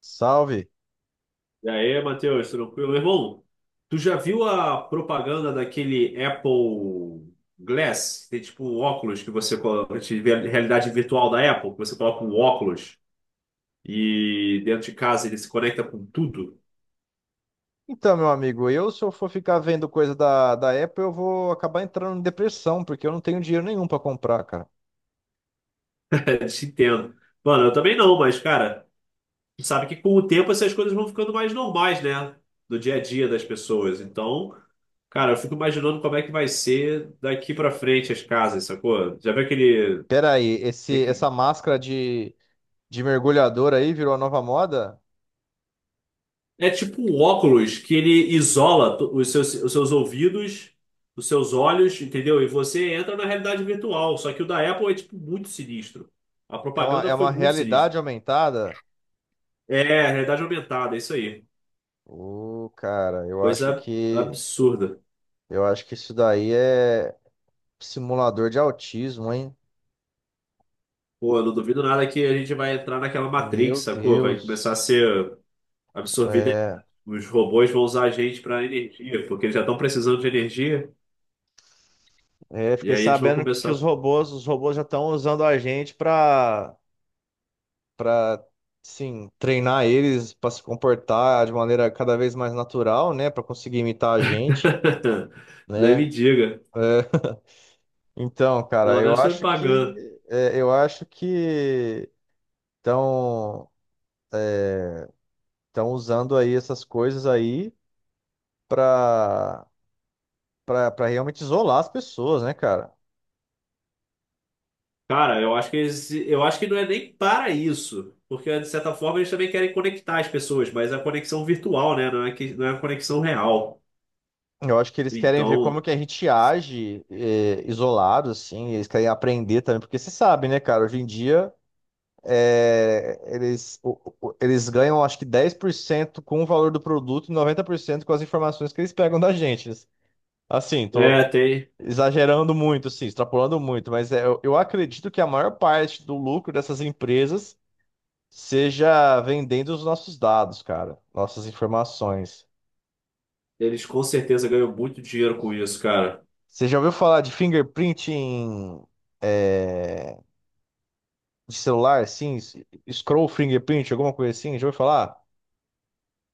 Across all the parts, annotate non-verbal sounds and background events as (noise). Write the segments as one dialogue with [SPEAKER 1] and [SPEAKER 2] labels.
[SPEAKER 1] Salve.
[SPEAKER 2] E aí, Matheus, tranquilo? Meu irmão, tu já viu a propaganda daquele Apple Glass? Tem tipo um óculos que você coloca, de realidade virtual da Apple, que você coloca um óculos e dentro de casa ele se conecta com tudo?
[SPEAKER 1] Então, meu amigo, eu se eu for ficar vendo coisa da Apple, eu vou acabar entrando em depressão, porque eu não tenho dinheiro nenhum para comprar, cara.
[SPEAKER 2] É, se entendo. Mano, eu também não, mas cara, tu sabe que com o tempo essas coisas vão ficando mais normais, né? No dia a dia das pessoas. Então, cara, eu fico imaginando como é que vai ser daqui pra frente as casas, sacou? Já viu aquele.
[SPEAKER 1] Pera aí, essa máscara de mergulhador aí virou a nova moda?
[SPEAKER 2] É tipo um óculos que ele isola os seus ouvidos, os seus olhos, entendeu? E você entra na realidade virtual. Só que o da Apple é tipo muito sinistro. A
[SPEAKER 1] É uma, é
[SPEAKER 2] propaganda foi
[SPEAKER 1] uma
[SPEAKER 2] muito sinistra.
[SPEAKER 1] realidade aumentada?
[SPEAKER 2] É, realidade aumentada, é isso aí.
[SPEAKER 1] Ô, cara,
[SPEAKER 2] Coisa absurda.
[SPEAKER 1] eu acho que isso daí é simulador de autismo, hein?
[SPEAKER 2] Pô, eu não duvido nada que a gente vai entrar naquela
[SPEAKER 1] Meu
[SPEAKER 2] Matrix, sacou? Vai começar a
[SPEAKER 1] Deus.
[SPEAKER 2] ser absorvida.
[SPEAKER 1] É,
[SPEAKER 2] Os robôs vão usar a gente para energia, porque eles já estão precisando de energia.
[SPEAKER 1] é,
[SPEAKER 2] E
[SPEAKER 1] fiquei
[SPEAKER 2] aí eles vão
[SPEAKER 1] sabendo que os
[SPEAKER 2] começar.
[SPEAKER 1] robôs, já estão usando a gente para, sim, treinar eles para se comportar de maneira cada vez mais natural, né, para conseguir imitar a gente,
[SPEAKER 2] (laughs) Nem
[SPEAKER 1] né?
[SPEAKER 2] me
[SPEAKER 1] É,
[SPEAKER 2] diga.
[SPEAKER 1] (laughs) então, cara,
[SPEAKER 2] Pelo
[SPEAKER 1] eu
[SPEAKER 2] menos estão me
[SPEAKER 1] acho que
[SPEAKER 2] pagando.
[SPEAKER 1] é, eu acho que estão estão usando aí essas coisas aí para para realmente isolar as pessoas, né, cara?
[SPEAKER 2] Cara, eu acho que eles, eu acho que não é nem para isso, porque de certa forma eles também querem conectar as pessoas, mas é a conexão virtual, né? Não é que não é a conexão real.
[SPEAKER 1] Eu acho que eles querem ver como
[SPEAKER 2] Então,
[SPEAKER 1] que a gente age, é, isolado, assim. Eles querem aprender também, porque você sabe, né, cara? Hoje em dia eles ganham acho que 10% com o valor do produto e 90% com as informações que eles pegam da gente. Assim, tô
[SPEAKER 2] é, tem,
[SPEAKER 1] exagerando muito, assim, extrapolando muito, mas eu acredito que a maior parte do lucro dessas empresas seja vendendo os nossos dados, cara, nossas informações.
[SPEAKER 2] eles com certeza ganham muito dinheiro com isso, cara.
[SPEAKER 1] Você já ouviu falar de fingerprint em, é, de celular, sim? Scroll fingerprint, alguma coisa assim? Já ouviu falar?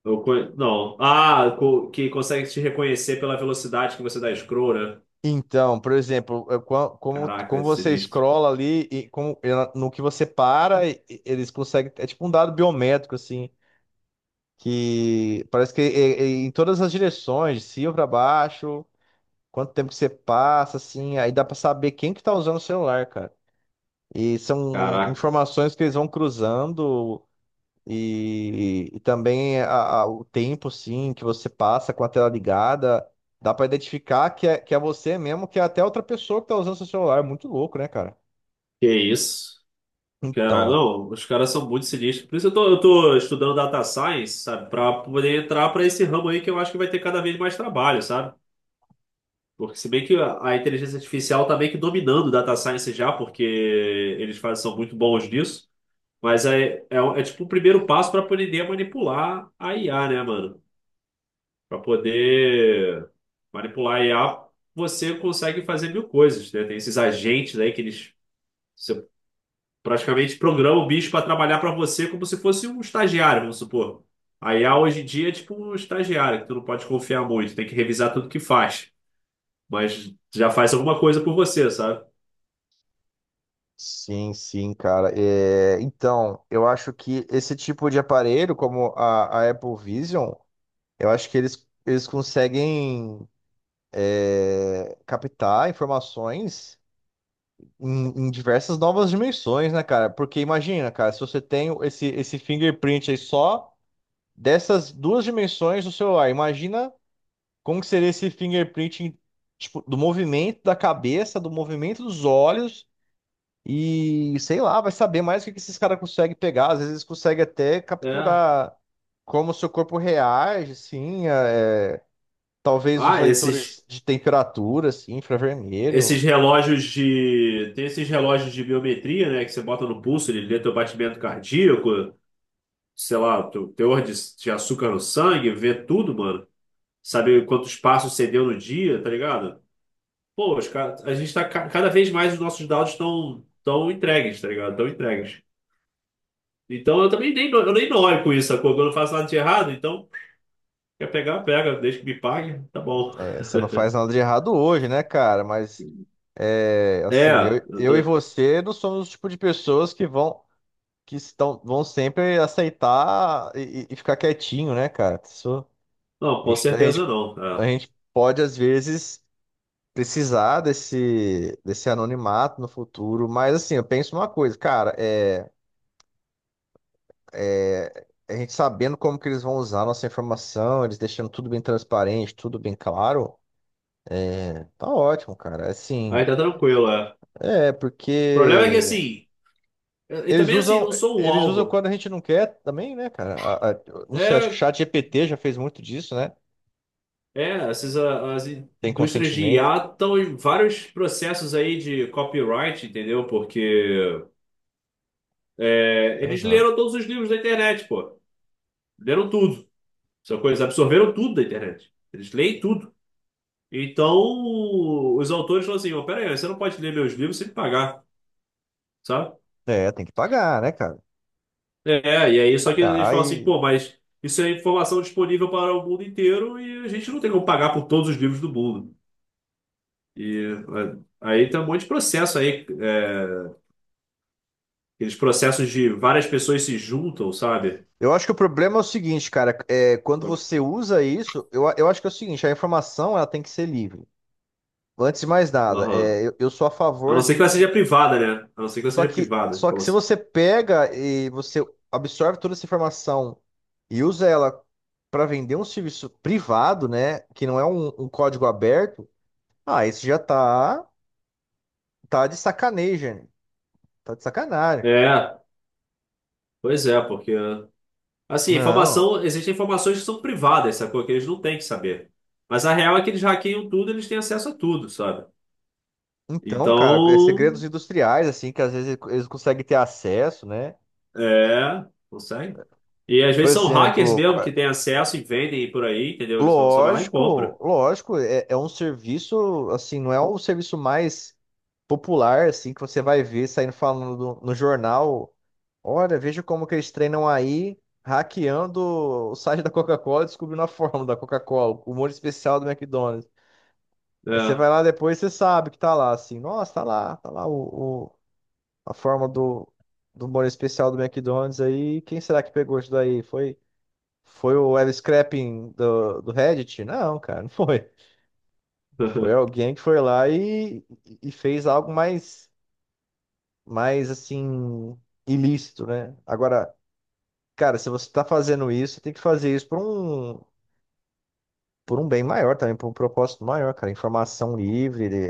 [SPEAKER 2] Eu, não, ah, que consegue te reconhecer pela velocidade que você dá scroll, né?
[SPEAKER 1] Então, por exemplo, como,
[SPEAKER 2] Caraca,
[SPEAKER 1] como
[SPEAKER 2] é
[SPEAKER 1] você
[SPEAKER 2] sinistro.
[SPEAKER 1] scrolla ali e como, no que você para, eles conseguem. É tipo um dado biométrico, assim, que parece que é em todas as direções, de cima para baixo, quanto tempo que você passa, assim, aí dá para saber quem que tá usando o celular, cara. E são
[SPEAKER 2] Caraca,
[SPEAKER 1] informações que eles vão cruzando. E também o tempo, sim, que você passa com a tela ligada, dá pra identificar que é você mesmo, que é até outra pessoa que tá usando seu celular. É muito louco, né, cara?
[SPEAKER 2] que isso? Cara,
[SPEAKER 1] Então,
[SPEAKER 2] não, os caras são muito sinistros. Por isso eu tô estudando data science, sabe? Pra poder entrar pra esse ramo aí que eu acho que vai ter cada vez mais trabalho, sabe? Porque se bem que a inteligência artificial tá meio que dominando data science já, porque eles fazem, são muito bons nisso. Mas é tipo o primeiro passo pra poder manipular a IA, né, mano? Pra poder manipular a IA, você consegue fazer mil coisas, né? Tem esses agentes aí que eles... você praticamente programa o bicho para trabalhar para você como se fosse um estagiário, vamos supor. A IA hoje em dia é tipo um estagiário, que tu não pode confiar muito, tem que revisar tudo que faz, mas já faz alguma coisa por você, sabe?
[SPEAKER 1] sim, sim, cara. É, então, eu acho que esse tipo de aparelho, como a Apple Vision, eu acho que eles conseguem captar informações em diversas novas dimensões, né, cara? Porque imagina, cara, se você tem esse fingerprint aí só dessas duas dimensões do celular. Imagina como que seria esse fingerprint, tipo, do movimento da cabeça, do movimento dos olhos e sei lá, vai saber mais o que que esses caras conseguem pegar. Às vezes eles conseguem até
[SPEAKER 2] É.
[SPEAKER 1] capturar como o seu corpo reage, assim, é, talvez os
[SPEAKER 2] Ah, esses
[SPEAKER 1] leitores de temperatura, assim,
[SPEAKER 2] esses
[SPEAKER 1] infravermelho.
[SPEAKER 2] relógios de tem esses relógios de biometria, né, que você bota no pulso, ele lê teu batimento cardíaco, sei lá, teu teor de açúcar no sangue, vê tudo, mano. Sabe quantos passos você deu no dia, tá ligado? Pô, a gente cada vez mais os nossos dados estão tão entregues, tá ligado? Estão entregues. Então eu também nem, no- eu nem noio com isso, sacou? Quando eu faço nada de errado, então quer pegar, pega, desde que me pague, tá bom.
[SPEAKER 1] É, você não faz nada de errado hoje, né, cara? Mas assim,
[SPEAKER 2] É, eu
[SPEAKER 1] eu e
[SPEAKER 2] tô-
[SPEAKER 1] você não somos o tipo de pessoas que vão sempre aceitar e ficar quietinho, né, cara? Isso,
[SPEAKER 2] não,
[SPEAKER 1] a
[SPEAKER 2] com
[SPEAKER 1] gente, a
[SPEAKER 2] certeza
[SPEAKER 1] gente,
[SPEAKER 2] não.
[SPEAKER 1] a
[SPEAKER 2] É.
[SPEAKER 1] gente pode, às vezes, precisar desse anonimato no futuro, mas assim, eu penso uma coisa, cara, a gente sabendo como que eles vão usar a nossa informação, eles deixando tudo bem transparente, tudo bem claro, tá ótimo, cara.
[SPEAKER 2] Aí
[SPEAKER 1] Assim,
[SPEAKER 2] tá tranquilo, é. O problema é que
[SPEAKER 1] porque
[SPEAKER 2] assim, e
[SPEAKER 1] eles
[SPEAKER 2] também assim,
[SPEAKER 1] usam,
[SPEAKER 2] não sou um
[SPEAKER 1] eles usam
[SPEAKER 2] alvo.
[SPEAKER 1] quando a gente não quer também, né, cara? Não sei, acho que o
[SPEAKER 2] É,
[SPEAKER 1] Chat GPT já fez muito disso, né?
[SPEAKER 2] essas as
[SPEAKER 1] Tem
[SPEAKER 2] indústrias de
[SPEAKER 1] consentimento.
[SPEAKER 2] IA estão em vários processos aí de copyright, entendeu? Porque é, eles
[SPEAKER 1] Aham.
[SPEAKER 2] leram todos os livros da internet, pô. Leram tudo. Sacou? Eles absorveram tudo da internet. Eles leem tudo. Então, os autores falam assim: ó, pera aí, você não pode ler meus livros sem me pagar, sabe?
[SPEAKER 1] É, tem que pagar, né, cara?
[SPEAKER 2] É, e aí, só que eles
[SPEAKER 1] Pagar
[SPEAKER 2] falam assim: pô,
[SPEAKER 1] e.
[SPEAKER 2] mas isso é informação disponível para o mundo inteiro e a gente não tem como pagar por todos os livros do mundo. E é, aí tem um monte de processo aí, é, aqueles processos de várias pessoas se juntam, sabe?
[SPEAKER 1] Eu acho que o problema é o seguinte, cara. É, quando você usa isso, eu acho que é o seguinte: a informação ela tem que ser livre. Antes de mais nada,
[SPEAKER 2] Aham.
[SPEAKER 1] eu sou a
[SPEAKER 2] A não
[SPEAKER 1] favor
[SPEAKER 2] ser que
[SPEAKER 1] de,
[SPEAKER 2] ela
[SPEAKER 1] de-
[SPEAKER 2] seja privada, né? A não ser que ela
[SPEAKER 1] Só
[SPEAKER 2] seja
[SPEAKER 1] que,
[SPEAKER 2] privada.
[SPEAKER 1] só
[SPEAKER 2] Então,
[SPEAKER 1] que se
[SPEAKER 2] assim,
[SPEAKER 1] você pega e você absorve toda essa informação e usa ela para vender um serviço privado, né, que não é um código aberto, ah, isso já tá de sacanagem, né? Tá de sacanagem, cara.
[SPEAKER 2] é, pois é, porque assim,
[SPEAKER 1] Não.
[SPEAKER 2] informação, existem informações que são privadas, sacou? Que eles não têm que saber. Mas a real é que eles hackeiam tudo, eles têm acesso a tudo, sabe?
[SPEAKER 1] Então, cara, é segredos
[SPEAKER 2] Então,
[SPEAKER 1] industriais, assim, que às vezes eles conseguem ter acesso, né?
[SPEAKER 2] é, consegue. E às
[SPEAKER 1] Por
[SPEAKER 2] vezes são hackers
[SPEAKER 1] exemplo,
[SPEAKER 2] mesmo que têm acesso e vendem por aí, entendeu? Só vai lá e compra.
[SPEAKER 1] lógico, é um serviço, assim, não é o serviço mais popular, assim, que você vai ver saindo falando no jornal. Olha, veja como que eles treinam aí, hackeando o site da Coca-Cola, e descobrindo a fórmula da Coca-Cola, o molho especial do McDonald's. Aí você
[SPEAKER 2] É.
[SPEAKER 1] vai lá depois, você sabe que tá lá, assim, nossa, tá lá, a forma do molho especial do McDonald's aí. Quem será que pegou isso daí? Foi o L Scrapping do Reddit? Não, cara, não foi. Foi
[SPEAKER 2] (laughs)
[SPEAKER 1] alguém que foi lá e fez algo mais assim, ilícito, né? Agora, cara, se você tá fazendo isso, você tem que fazer isso por um bem maior também, por um propósito maior, cara. Informação livre, ele-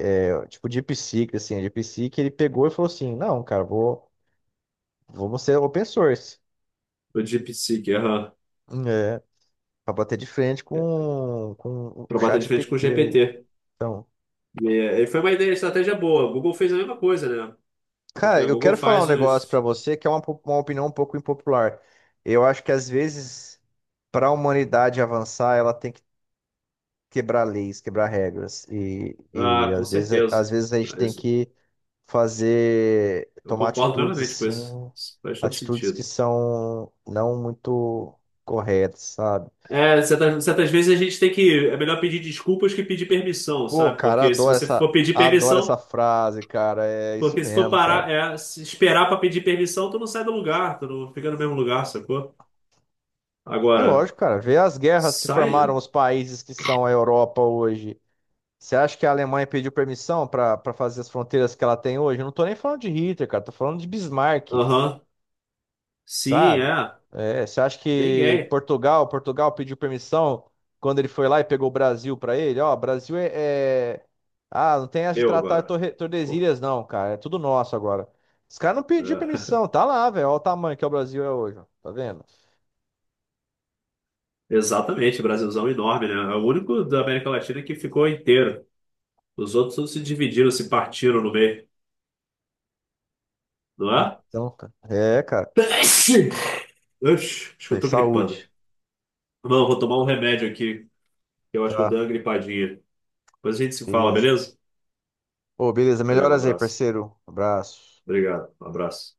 [SPEAKER 1] é, tipo DeepSeek, assim, a DeepSeek, ele pegou e falou assim, não, cara, vamos ser open source.
[SPEAKER 2] O DeepSeek, aham.
[SPEAKER 1] É. Pra bater de frente com
[SPEAKER 2] Para
[SPEAKER 1] o
[SPEAKER 2] bater
[SPEAKER 1] Chat
[SPEAKER 2] de frente com o
[SPEAKER 1] GPT aí.
[SPEAKER 2] GPT.
[SPEAKER 1] Então,
[SPEAKER 2] E, é, e foi uma ideia, estratégia boa. A Google fez a mesma coisa, né? Porque
[SPEAKER 1] cara,
[SPEAKER 2] a
[SPEAKER 1] eu
[SPEAKER 2] Google
[SPEAKER 1] quero falar um
[SPEAKER 2] faz
[SPEAKER 1] negócio pra
[SPEAKER 2] os.
[SPEAKER 1] você que é uma opinião um pouco impopular. Eu acho que às vezes, para a humanidade avançar, ela tem que quebrar leis, quebrar regras. E
[SPEAKER 2] Ah, com
[SPEAKER 1] às vezes,
[SPEAKER 2] certeza.
[SPEAKER 1] a gente
[SPEAKER 2] Ah,
[SPEAKER 1] tem
[SPEAKER 2] isso-
[SPEAKER 1] que fazer,
[SPEAKER 2] eu
[SPEAKER 1] tomar
[SPEAKER 2] concordo
[SPEAKER 1] atitudes
[SPEAKER 2] plenamente com
[SPEAKER 1] assim,
[SPEAKER 2] isso. Isso faz todo
[SPEAKER 1] atitudes que
[SPEAKER 2] sentido.
[SPEAKER 1] são não muito corretas, sabe?
[SPEAKER 2] É, certas vezes a gente tem que. É melhor pedir desculpas que pedir permissão,
[SPEAKER 1] Pô,
[SPEAKER 2] sabe?
[SPEAKER 1] cara,
[SPEAKER 2] Porque se você for pedir
[SPEAKER 1] adoro essa
[SPEAKER 2] permissão,
[SPEAKER 1] frase, cara. É isso
[SPEAKER 2] porque se for
[SPEAKER 1] mesmo,
[SPEAKER 2] parar,
[SPEAKER 1] cara.
[SPEAKER 2] é, se esperar pra pedir permissão, tu não sai do lugar, tu não fica no mesmo lugar, sacou?
[SPEAKER 1] É
[SPEAKER 2] Agora,
[SPEAKER 1] lógico, cara. Vê as guerras que
[SPEAKER 2] sai.
[SPEAKER 1] formaram os países que são a Europa hoje. Você acha que a Alemanha pediu permissão para fazer as fronteiras que ela tem hoje? Eu não tô nem falando de Hitler, cara. Tô falando de Bismarck,
[SPEAKER 2] Aham. Sim,
[SPEAKER 1] sabe?
[SPEAKER 2] é.
[SPEAKER 1] É, você acha que
[SPEAKER 2] Ninguém.
[SPEAKER 1] Portugal pediu permissão quando ele foi lá e pegou o Brasil para ele? Ó, Brasil é, ah, não tem essa de
[SPEAKER 2] Meu
[SPEAKER 1] tratar
[SPEAKER 2] agora. Pô,
[SPEAKER 1] Tordesilhas, não, cara. É tudo nosso agora. Os caras não pediram
[SPEAKER 2] é. (laughs)
[SPEAKER 1] permissão. Tá lá, velho. Olha o tamanho que o Brasil é hoje, ó. Tá vendo?
[SPEAKER 2] Exatamente, Brasilzão é enorme, né? É o único da América Latina que ficou inteiro. Os outros todos se dividiram, se partiram no meio, não é?
[SPEAKER 1] Então, cara. É, cara.
[SPEAKER 2] (laughs) Oxi, acho que
[SPEAKER 1] Isso
[SPEAKER 2] eu
[SPEAKER 1] aí,
[SPEAKER 2] tô gripando.
[SPEAKER 1] saúde.
[SPEAKER 2] Não, vou tomar um remédio aqui. Eu acho que o
[SPEAKER 1] Tá,
[SPEAKER 2] Dangri Padilha. Depois a gente se fala,
[SPEAKER 1] beleza.
[SPEAKER 2] beleza?
[SPEAKER 1] Ô, beleza.
[SPEAKER 2] Valeu, um
[SPEAKER 1] Melhoras aí,
[SPEAKER 2] abraço.
[SPEAKER 1] parceiro. Abraço.
[SPEAKER 2] Obrigado, um abraço.